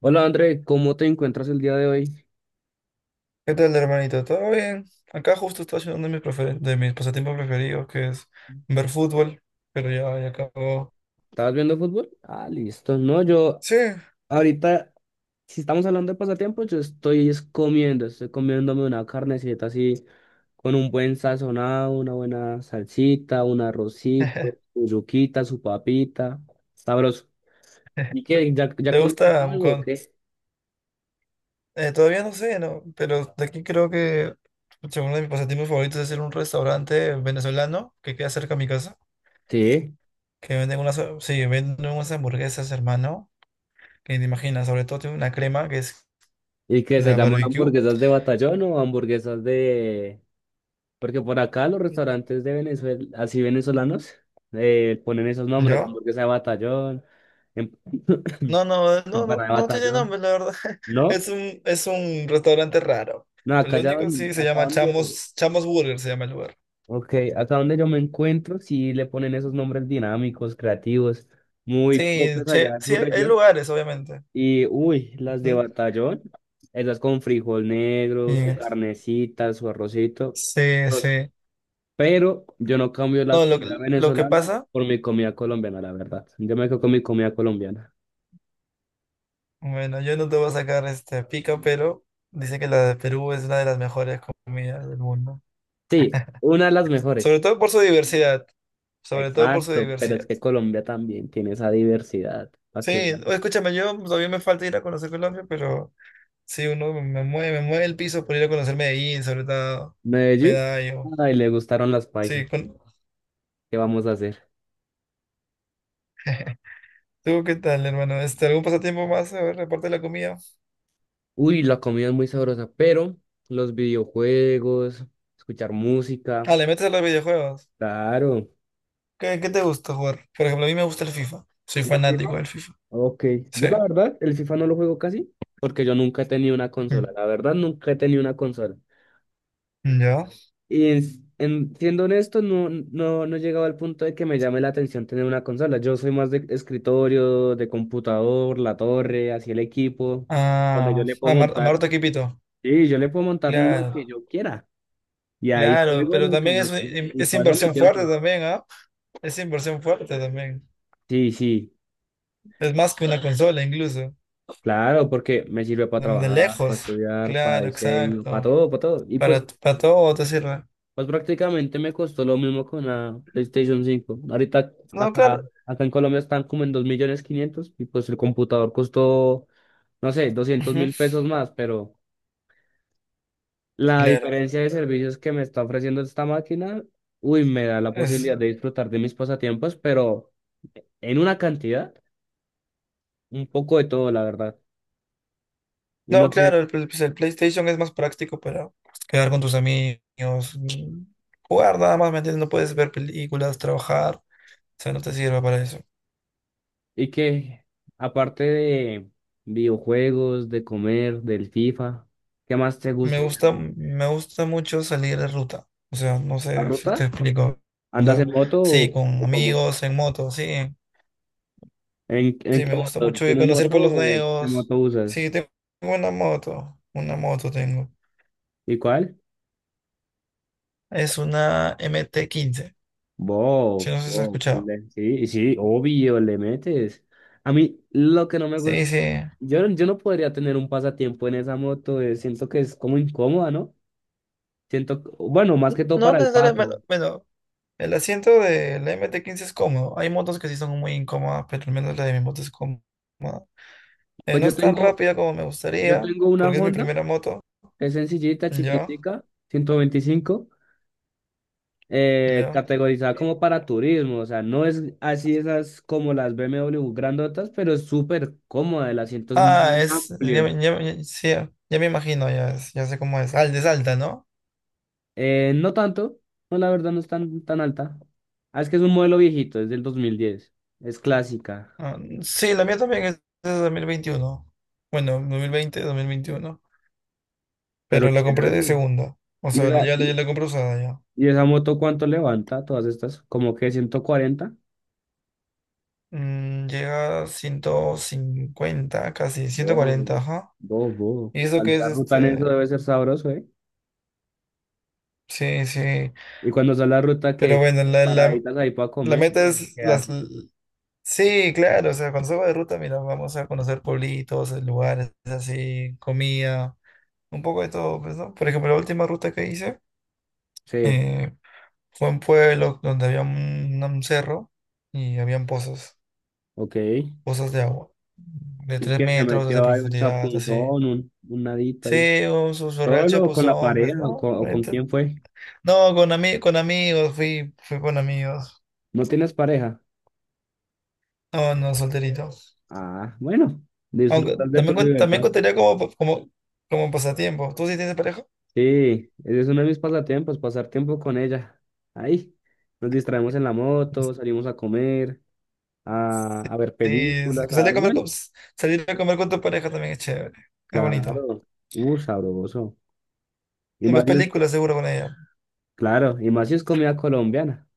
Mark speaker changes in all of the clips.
Speaker 1: Hola André, ¿cómo te encuentras el día de hoy?
Speaker 2: ¿Qué tal, hermanito? ¿Todo bien? Acá justo estoy haciendo uno de mis pasatiempos preferidos, que es ver fútbol, pero ya acabó.
Speaker 1: ¿Estabas viendo fútbol? Ah, listo. No, yo
Speaker 2: Sí.
Speaker 1: ahorita, si estamos hablando de pasatiempos, yo estoy comiéndome una carnecita así, con un buen sazonado, una buena salsita, un arrocito, su yuquita, su papita. Sabroso. ¿Y qué? ¿Ya
Speaker 2: ¿Te
Speaker 1: comiste
Speaker 2: gusta?
Speaker 1: algo o qué?
Speaker 2: Todavía no sé, ¿no? Pero de aquí creo que pucha, uno de mis pasatiempos favoritos es ir a un restaurante venezolano que queda cerca de mi casa,
Speaker 1: Sí.
Speaker 2: que sí, venden unas hamburguesas, hermano, que ni te imaginas, sobre todo tiene una crema que es
Speaker 1: ¿Y qué se
Speaker 2: la
Speaker 1: llaman
Speaker 2: barbecue,
Speaker 1: hamburguesas de batallón o hamburguesas de? Porque por acá los restaurantes de Venezuela, así venezolanos, ponen esos nombres,
Speaker 2: ¿ya?
Speaker 1: hamburguesa de batallón, em-
Speaker 2: No, no, no, no,
Speaker 1: empanada de
Speaker 2: no tiene
Speaker 1: batallón,
Speaker 2: nombre, la verdad.
Speaker 1: ¿no?
Speaker 2: Es un restaurante raro.
Speaker 1: No, acá
Speaker 2: Lo
Speaker 1: ya,
Speaker 2: único, sí, se
Speaker 1: acá
Speaker 2: llama
Speaker 1: donde,
Speaker 2: Chamos Burger, se llama el lugar.
Speaker 1: okay, acá donde yo me encuentro, sí le ponen esos nombres dinámicos, creativos, muy
Speaker 2: Sí,
Speaker 1: propios
Speaker 2: che,
Speaker 1: allá en
Speaker 2: sí,
Speaker 1: su
Speaker 2: hay
Speaker 1: región.
Speaker 2: lugares, obviamente.
Speaker 1: Y, uy, las de
Speaker 2: Ujú.
Speaker 1: batallón, esas con frijol negro, su
Speaker 2: Y-
Speaker 1: carnecita, su arrocito.
Speaker 2: sí, sí.
Speaker 1: Pero yo no cambio la
Speaker 2: No, lo, que-
Speaker 1: comida
Speaker 2: lo que
Speaker 1: venezolana
Speaker 2: pasa,
Speaker 1: por mi comida colombiana, la verdad. Yo me quedo con mi comida colombiana.
Speaker 2: bueno, yo no te voy a sacar este pica, pero dice que la de Perú es una de las mejores comidas del mundo.
Speaker 1: Sí, una de las
Speaker 2: Sobre
Speaker 1: mejores.
Speaker 2: todo por su diversidad. Sobre todo por su
Speaker 1: Exacto, pero es
Speaker 2: diversidad.
Speaker 1: que Colombia también tiene esa diversidad. Para
Speaker 2: Sí,
Speaker 1: que veas.
Speaker 2: escúchame, yo pues, todavía me falta ir a conocer Colombia, pero. Sí, uno me mueve el piso por ir a conocer Medellín, sobre todo
Speaker 1: Medellín,
Speaker 2: Medallo.
Speaker 1: ay, le gustaron las paisas.
Speaker 2: Sí,
Speaker 1: ¿Qué vamos a hacer?
Speaker 2: ¿Tú qué tal, hermano? ¿Algún pasatiempo más? A ver, aparte de la comida.
Speaker 1: Uy, la comida es muy sabrosa, pero los videojuegos, escuchar música,
Speaker 2: Ah, le metes a los videojuegos.
Speaker 1: claro.
Speaker 2: ¿Qué, qué te gusta jugar? Por ejemplo, a mí me gusta el FIFA. Soy
Speaker 1: ¿El FIFA?
Speaker 2: fanático del FIFA.
Speaker 1: Ok,
Speaker 2: Sí.
Speaker 1: yo la verdad, el FIFA no lo juego casi, porque yo nunca he tenido una consola.
Speaker 2: Mm.
Speaker 1: La verdad, nunca he tenido una consola.
Speaker 2: ¿Ya?
Speaker 1: Siendo honesto, no he llegado al punto de que me llame la atención tener una consola. Yo soy más de escritorio, de computador, la torre, así el equipo, donde yo
Speaker 2: Ah,
Speaker 1: le puedo
Speaker 2: ah a
Speaker 1: montar.
Speaker 2: Maroto Quipito.
Speaker 1: Sí, yo le puedo montar lo que
Speaker 2: Claro,
Speaker 1: yo quiera. Y ahí
Speaker 2: claro,
Speaker 1: juego
Speaker 2: pero
Speaker 1: lo que
Speaker 2: también
Speaker 1: yo
Speaker 2: es,
Speaker 1: quiera.
Speaker 2: un-
Speaker 1: Y
Speaker 2: es
Speaker 1: paso mi
Speaker 2: inversión fuerte
Speaker 1: tiempo.
Speaker 2: también, ¿ah? Es inversión fuerte también.
Speaker 1: Sí, sí,
Speaker 2: Es más que una consola incluso.
Speaker 1: claro, porque me sirve para
Speaker 2: De
Speaker 1: trabajar, para
Speaker 2: lejos.
Speaker 1: estudiar, para
Speaker 2: Claro,
Speaker 1: diseño, para
Speaker 2: exacto.
Speaker 1: todo, para todo. Y pues,
Speaker 2: Para todo te sirve.
Speaker 1: pues prácticamente me costó lo mismo con la PlayStation 5. Ahorita
Speaker 2: No,
Speaker 1: acá,
Speaker 2: claro.
Speaker 1: acá en Colombia están como en 2.500.000 y pues el computador costó, no sé, doscientos
Speaker 2: Ujú.
Speaker 1: mil pesos más, pero la
Speaker 2: Claro.
Speaker 1: diferencia de servicios que me está ofreciendo esta máquina, uy, me da la
Speaker 2: Es,
Speaker 1: posibilidad de disfrutar de mis pasatiempos, pero en una cantidad, un poco de todo, la verdad. Y no
Speaker 2: no,
Speaker 1: sé,
Speaker 2: claro, pues el PlayStation es más práctico para quedar con tus amigos, jugar nada más, ¿me entiendes? No puedes ver películas, trabajar, o sea, no te sirve para eso.
Speaker 1: y que aparte de videojuegos, de comer, del FIFA, ¿qué más te
Speaker 2: Me
Speaker 1: gusta
Speaker 2: gusta,
Speaker 1: hacer?
Speaker 2: me gusta mucho salir de ruta, o sea, no
Speaker 1: ¿La
Speaker 2: sé si te
Speaker 1: ruta?
Speaker 2: explico, o
Speaker 1: ¿Andas
Speaker 2: sea,
Speaker 1: en moto
Speaker 2: sí, con
Speaker 1: o cómo?
Speaker 2: amigos, en moto, sí,
Speaker 1: En
Speaker 2: sí,
Speaker 1: qué
Speaker 2: me gusta
Speaker 1: moto?
Speaker 2: mucho ir a
Speaker 1: ¿Tienes
Speaker 2: conocer
Speaker 1: moto
Speaker 2: pueblos
Speaker 1: o qué
Speaker 2: nuevos,
Speaker 1: moto usas?
Speaker 2: sí, tengo una moto, una moto tengo.
Speaker 1: ¿Y cuál?
Speaker 2: Es una MT-15.
Speaker 1: Bof,
Speaker 2: Sí, no sé si has
Speaker 1: bof,
Speaker 2: escuchado.
Speaker 1: le- sí, sí, obvio, le metes. A mí lo que no me gusta,
Speaker 2: Sí, sí.
Speaker 1: yo, yo no podría tener un pasatiempo en esa moto, siento que es como incómoda, ¿no? Siento, que- bueno, más que todo
Speaker 2: No
Speaker 1: para el
Speaker 2: necesariamente,
Speaker 1: pato.
Speaker 2: bueno, bueno. El asiento de del MT-15 es cómodo. Hay motos que sí son muy incómodas, pero al menos la de mi moto es cómoda.
Speaker 1: Pues
Speaker 2: No
Speaker 1: yo
Speaker 2: es tan
Speaker 1: tengo,
Speaker 2: rápida como me
Speaker 1: yo
Speaker 2: gustaría,
Speaker 1: tengo una
Speaker 2: porque es mi
Speaker 1: Honda,
Speaker 2: primera moto.
Speaker 1: es sencillita,
Speaker 2: Ya,
Speaker 1: chiquitica, 125,
Speaker 2: ya.
Speaker 1: categorizada como para turismo, o sea, no es así esas como las BMW grandotas, pero es súper cómoda, el asiento es
Speaker 2: Ah,
Speaker 1: muy
Speaker 2: es.
Speaker 1: amplio.
Speaker 2: Sí, ya me imagino, ya sé cómo es. Ah, es alta, ¿no?
Speaker 1: No tanto, no, la verdad no es tan, tan alta. Ah, es que es un modelo viejito, es del 2010, es clásica,
Speaker 2: Ah, sí, la mía también es de 2021. Bueno, dos mil veintiuno.
Speaker 1: pero
Speaker 2: Pero la compré de
Speaker 1: chévere.
Speaker 2: segunda. O
Speaker 1: ¿Y
Speaker 2: sea,
Speaker 1: esa,
Speaker 2: ya la, ya
Speaker 1: y,
Speaker 2: la compré usada.
Speaker 1: y esa moto cuánto levanta? Todas estas, como que 140.
Speaker 2: Mm, llega a 150, casi
Speaker 1: Wow,
Speaker 2: 140, ajá.
Speaker 1: wow, wow.
Speaker 2: Y eso que
Speaker 1: Salir
Speaker 2: es
Speaker 1: a ruta en eso
Speaker 2: este.
Speaker 1: debe ser sabroso, ¿eh?
Speaker 2: Sí, sí.
Speaker 1: Y cuando sale a ruta,
Speaker 2: Pero
Speaker 1: que
Speaker 2: bueno, la, la,
Speaker 1: ¿paraditas ahí para
Speaker 2: la
Speaker 1: comer
Speaker 2: meta
Speaker 1: o
Speaker 2: es
Speaker 1: qué
Speaker 2: las.
Speaker 1: hace?
Speaker 2: Sí, claro, o sea, cuando salgo de ruta, mira, vamos a conocer pueblitos, lugares así, comida, un poco de todo, pues, ¿no? Por ejemplo, la última ruta que hice
Speaker 1: Sí,
Speaker 2: eh, fue un pueblo donde había un cerro y habían pozos,
Speaker 1: ok.
Speaker 2: pozos de agua, de
Speaker 1: Y
Speaker 2: 3
Speaker 1: que se
Speaker 2: metros de
Speaker 1: metió ahí un
Speaker 2: profundidad, así.
Speaker 1: chapunzón, un nadito ahí.
Speaker 2: Sí, o su real
Speaker 1: ¿Solo o con la
Speaker 2: chapuzón, pues,
Speaker 1: pareja
Speaker 2: ¿no?
Speaker 1: o con quién fue?
Speaker 2: No, con amigos, fui con amigos.
Speaker 1: ¿No tienes pareja?
Speaker 2: No, no, solterito.
Speaker 1: Ah, bueno,
Speaker 2: Aunque
Speaker 1: disfrutar de tu
Speaker 2: también, también
Speaker 1: libertad.
Speaker 2: contaría como, pasatiempo. ¿Tú sí tienes pareja?
Speaker 1: Sí, ese es uno de mis pasatiempos, pasar tiempo con ella. Ahí, nos distraemos en la moto, salimos a comer, a ver
Speaker 2: Sí, sí,
Speaker 1: películas, a
Speaker 2: salir a
Speaker 1: dar
Speaker 2: comer
Speaker 1: bueno.
Speaker 2: con, salir a comer con tu pareja también es chévere. Es bonito.
Speaker 1: Claro, sabroso. Y
Speaker 2: Y
Speaker 1: más
Speaker 2: ves
Speaker 1: si es
Speaker 2: películas seguro con ella.
Speaker 1: claro, y más si es comida colombiana.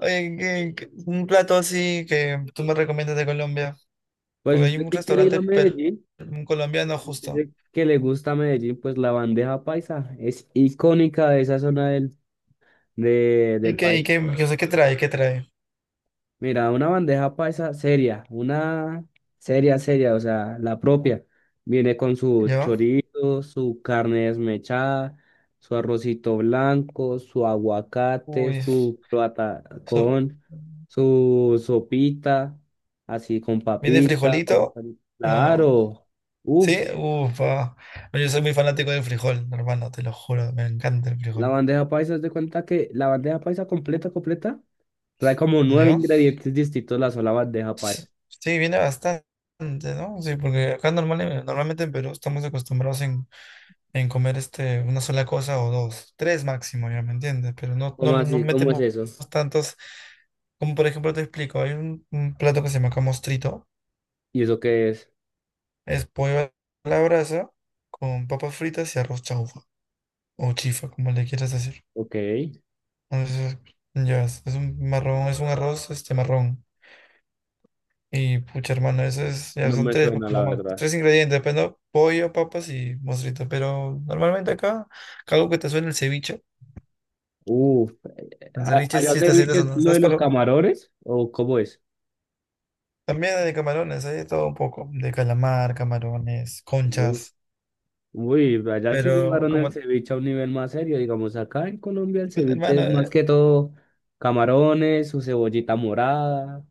Speaker 2: Oye, ¿un plato así que tú me recomiendas de Colombia.
Speaker 1: Pues
Speaker 2: Porque hay
Speaker 1: usted
Speaker 2: un
Speaker 1: que quiere ir
Speaker 2: restaurante
Speaker 1: a
Speaker 2: per-
Speaker 1: Medellín,
Speaker 2: un colombiano justo.
Speaker 1: dice que le gusta a Medellín, pues la bandeja paisa es icónica de esa zona del,
Speaker 2: ¿Y
Speaker 1: del
Speaker 2: qué, y
Speaker 1: país.
Speaker 2: qué, qué, o sea, qué trae? ¿Qué trae?
Speaker 1: Mira, una bandeja paisa seria, una seria, seria, o sea, la propia. Viene con su
Speaker 2: ¿Yo?
Speaker 1: chorizo, su carne desmechada, su arrocito blanco, su aguacate,
Speaker 2: Uy.
Speaker 1: su
Speaker 2: So-
Speaker 1: patacón, su sopita, así con
Speaker 2: ¿Viene
Speaker 1: papita, con
Speaker 2: frijolito?
Speaker 1: papita.
Speaker 2: No, no.
Speaker 1: Claro,
Speaker 2: ¿Sí?
Speaker 1: uff.
Speaker 2: Ufa. No, yo soy muy fanático del frijol, hermano, te lo juro. Me encanta el
Speaker 1: La
Speaker 2: frijol.
Speaker 1: bandeja paisa, haz de cuenta que la bandeja paisa completa, completa, trae como nueve
Speaker 2: ¿Yo?
Speaker 1: ingredientes distintos la sola bandeja
Speaker 2: S-
Speaker 1: paisa.
Speaker 2: Sí, viene bastante, ¿no? Sí, porque acá normalmente en Perú estamos acostumbrados en comer este, una sola cosa o dos. Tres máximo, ya me entiendes. Pero no, no,
Speaker 1: ¿Cómo
Speaker 2: no
Speaker 1: así? ¿Cómo es
Speaker 2: metemos
Speaker 1: eso?
Speaker 2: tantos. Como por ejemplo te explico, hay un plato que se llama acá mostrito.
Speaker 1: ¿Y eso qué es?
Speaker 2: Es pollo a la brasa con papas fritas y arroz chaufa, o chifa, como le quieras decir.
Speaker 1: Ok,
Speaker 2: Entonces, ya, es un marrón, es un arroz, este marrón. Y pucha, hermano, eso es, ya
Speaker 1: no
Speaker 2: son
Speaker 1: me
Speaker 2: tres, pues,
Speaker 1: suena
Speaker 2: como
Speaker 1: la
Speaker 2: más-
Speaker 1: verdad.
Speaker 2: tres ingredientes, pues, ¿no? Pollo, papas y mostrito. Pero normalmente acá, algo que te suena, el ceviche.
Speaker 1: Uh,
Speaker 2: El ceviche
Speaker 1: ¿Allá
Speaker 2: sí
Speaker 1: se
Speaker 2: te
Speaker 1: ceviche
Speaker 2: sientes,
Speaker 1: es
Speaker 2: no,
Speaker 1: lo
Speaker 2: ¿sabes?
Speaker 1: de los
Speaker 2: Pero
Speaker 1: camarones? ¿O cómo es?
Speaker 2: también hay de camarones, hay de todo un poco. De calamar, camarones,
Speaker 1: Uy,
Speaker 2: conchas.
Speaker 1: uy, allá sí
Speaker 2: Pero
Speaker 1: llevaron el
Speaker 2: como,
Speaker 1: ceviche a un nivel más serio. Digamos, acá en Colombia el ceviche
Speaker 2: hermano,
Speaker 1: es más que todo camarones, su cebollita morada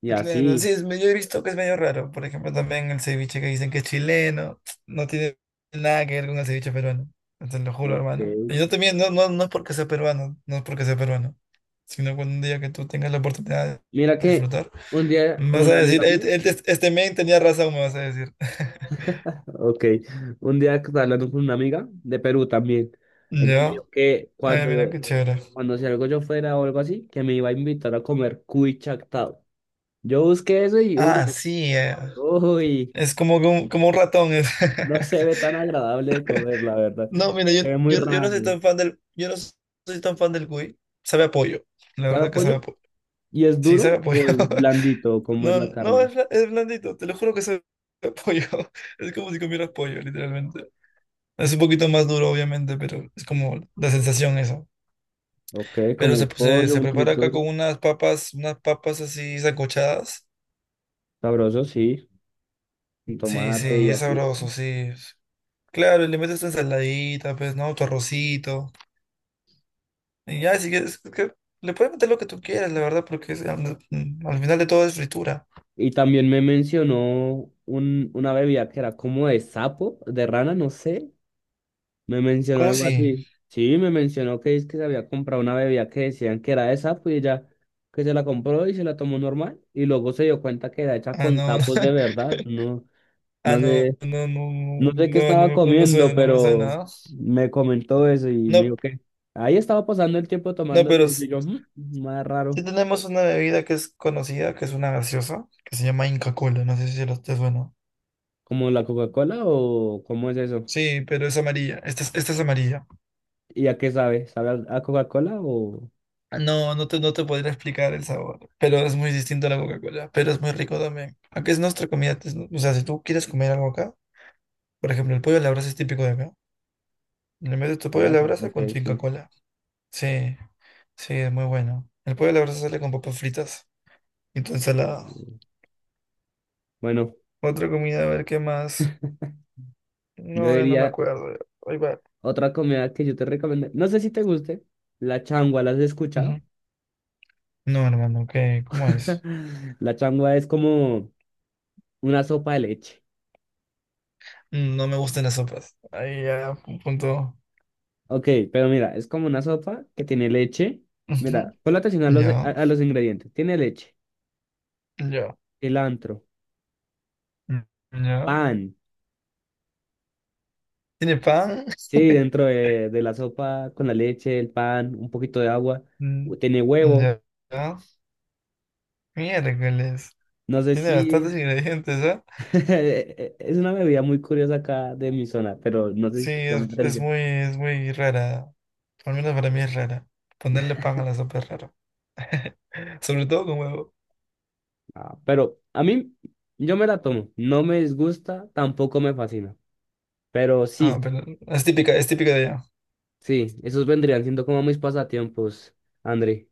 Speaker 1: y
Speaker 2: claro,
Speaker 1: así.
Speaker 2: sí, es medio, yo he visto que es medio raro. Por ejemplo, también el ceviche que dicen que es chileno, no tiene nada que ver con el ceviche peruano. Te lo juro,
Speaker 1: Ok.
Speaker 2: hermano. Y yo también, no, no, no es porque sea peruano, no es porque sea peruano, sino cuando un día que tú tengas la oportunidad
Speaker 1: Mira
Speaker 2: de
Speaker 1: que
Speaker 2: disfrutar,
Speaker 1: un día con
Speaker 2: vas a
Speaker 1: una amiga
Speaker 2: decir,
Speaker 1: mía,
Speaker 2: este men tenía razón, me vas a decir.
Speaker 1: ok, un día que estaba hablando con una amiga de Perú también, ella me dijo
Speaker 2: ¿Yo?
Speaker 1: que
Speaker 2: Ay, mira
Speaker 1: cuando,
Speaker 2: qué chévere.
Speaker 1: cuando si algo yo fuera o algo así, que me iba a invitar a comer cuy chactado. Yo busqué eso y
Speaker 2: Ah,
Speaker 1: uy,
Speaker 2: sí,
Speaker 1: uy,
Speaker 2: es como, que como un ratón. Es.
Speaker 1: no se ve tan agradable de comer, la verdad.
Speaker 2: No, mira, yo,
Speaker 1: Se ve muy
Speaker 2: yo, yo no soy
Speaker 1: raro.
Speaker 2: tan fan del cuy. Sabe a pollo. La
Speaker 1: ¿Sabe
Speaker 2: verdad
Speaker 1: a
Speaker 2: que sabe a
Speaker 1: pollo?
Speaker 2: pollo.
Speaker 1: ¿Y es
Speaker 2: Sí,
Speaker 1: duro
Speaker 2: sabe a pollo.
Speaker 1: o es blandito? ¿Cómo es
Speaker 2: No,
Speaker 1: la
Speaker 2: no,
Speaker 1: carne?
Speaker 2: es blandito. Te lo juro que sabe a pollo. Es como si comieras pollo, literalmente. Es un poquito más duro, obviamente, pero es como la sensación eso.
Speaker 1: Ok,
Speaker 2: Pero
Speaker 1: como
Speaker 2: se, se,
Speaker 1: pollo,
Speaker 2: se
Speaker 1: un
Speaker 2: prepara acá
Speaker 1: tritura,
Speaker 2: con unas papas así sancochadas.
Speaker 1: sabroso, sí, con
Speaker 2: Sí, sí,
Speaker 1: tomate y
Speaker 2: es
Speaker 1: así.
Speaker 2: sabroso, sí. Claro, y le metes tu ensaladita, pues, ¿no? Tu arrocito. Y ya, si quieres, es que le puedes meter lo que tú quieras, la verdad, porque al, al final de todo es fritura.
Speaker 1: Y también me mencionó una bebida que era como de sapo, de rana, no sé. Me mencionó
Speaker 2: ¿Cómo
Speaker 1: algo
Speaker 2: si?
Speaker 1: así. Sí, me mencionó que es que se había comprado una bebida que decían que era de sapo y ella que se la compró y se la tomó normal. Y luego se dio cuenta que era hecha
Speaker 2: Ah,
Speaker 1: con
Speaker 2: no,
Speaker 1: sapos de verdad. No,
Speaker 2: ah,
Speaker 1: no
Speaker 2: no,
Speaker 1: sé,
Speaker 2: no, no, no,
Speaker 1: no sé qué
Speaker 2: no,
Speaker 1: estaba
Speaker 2: no me suena,
Speaker 1: comiendo,
Speaker 2: no me
Speaker 1: pero
Speaker 2: suena.
Speaker 1: me
Speaker 2: No,
Speaker 1: comentó eso y me
Speaker 2: no,
Speaker 1: dijo que ahí estaba pasando el tiempo
Speaker 2: no,
Speaker 1: tomando
Speaker 2: pero
Speaker 1: eso.
Speaker 2: s-
Speaker 1: Y yo, "Mm, más raro".
Speaker 2: sí tenemos una bebida que es conocida, que es una gaseosa, que se llama Inca Kola, no sé si lo te suena.
Speaker 1: ¿Como la Coca-Cola o cómo es eso?
Speaker 2: Sí, pero es amarilla, esta es amarilla.
Speaker 1: ¿Y a qué sabe? ¿Sabe a Coca-Cola o
Speaker 2: Ah, no, no te podría explicar el sabor, pero es muy distinto a la Coca-Cola, pero es muy rico también. Aunque es nuestra comida, es, o sea, si tú quieres comer algo acá. Por ejemplo, el pollo a la brasa es típico de acá. Le metes tu
Speaker 1: a
Speaker 2: pollo a la
Speaker 1: grasa?
Speaker 2: brasa
Speaker 1: Ok,
Speaker 2: con tu Inca
Speaker 1: sí.
Speaker 2: Kola. Sí, sí, es muy bueno. El pollo a la brasa sale con papas fritas y tu ensalada.
Speaker 1: Mm, Bueno,
Speaker 2: Otra comida, a ver qué más.
Speaker 1: yo
Speaker 2: No, yo no me
Speaker 1: diría
Speaker 2: acuerdo. Ahí va.
Speaker 1: otra comida que yo te recomiendo. No sé si te guste. La changua, ¿las has escuchado?
Speaker 2: Ujú. No, hermano, ¿qué? ¿Cómo es?
Speaker 1: La changua es como una sopa de leche.
Speaker 2: Mm, no me gustan las sopas. Ahí ya, punto.
Speaker 1: Ok, pero mira, es como una sopa que tiene leche.
Speaker 2: Ujú.
Speaker 1: Mira, ponle atención
Speaker 2: Ya,
Speaker 1: a los ingredientes. Tiene leche,
Speaker 2: ya,
Speaker 1: cilantro,
Speaker 2: mm, ya.
Speaker 1: pan.
Speaker 2: ¿Tiene pan?
Speaker 1: Sí, dentro de la sopa con la leche, el pan, un poquito de agua.
Speaker 2: Mm,
Speaker 1: Tiene huevo.
Speaker 2: ya, ya. Miércoles.
Speaker 1: No sé
Speaker 2: Tiene
Speaker 1: si.
Speaker 2: bastantes ingredientes, ah.
Speaker 1: Es una bebida muy curiosa acá de mi zona, pero no sé si
Speaker 2: Sí,
Speaker 1: te llama
Speaker 2: es,
Speaker 1: la
Speaker 2: es
Speaker 1: atención.
Speaker 2: muy, es muy rara. Al menos para mí es rara. Ponerle pan a la sopa es raro. Sobre todo con huevo.
Speaker 1: Ah, pero a mí, yo me la tomo. No me disgusta, tampoco me fascina. Pero
Speaker 2: Ah,
Speaker 1: sí,
Speaker 2: pero es típica de allá.
Speaker 1: sí, esos vendrían siendo como mis pasatiempos, André.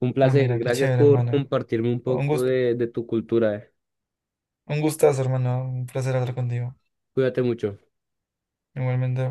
Speaker 1: Un
Speaker 2: Ah,
Speaker 1: placer.
Speaker 2: mira, qué
Speaker 1: Gracias
Speaker 2: chévere,
Speaker 1: por
Speaker 2: hermano.
Speaker 1: compartirme un
Speaker 2: Un
Speaker 1: poco
Speaker 2: gust,
Speaker 1: de, tu cultura.
Speaker 2: un gustazo, hermano. Un placer hablar contigo.
Speaker 1: Cuídate mucho.
Speaker 2: Igualmente.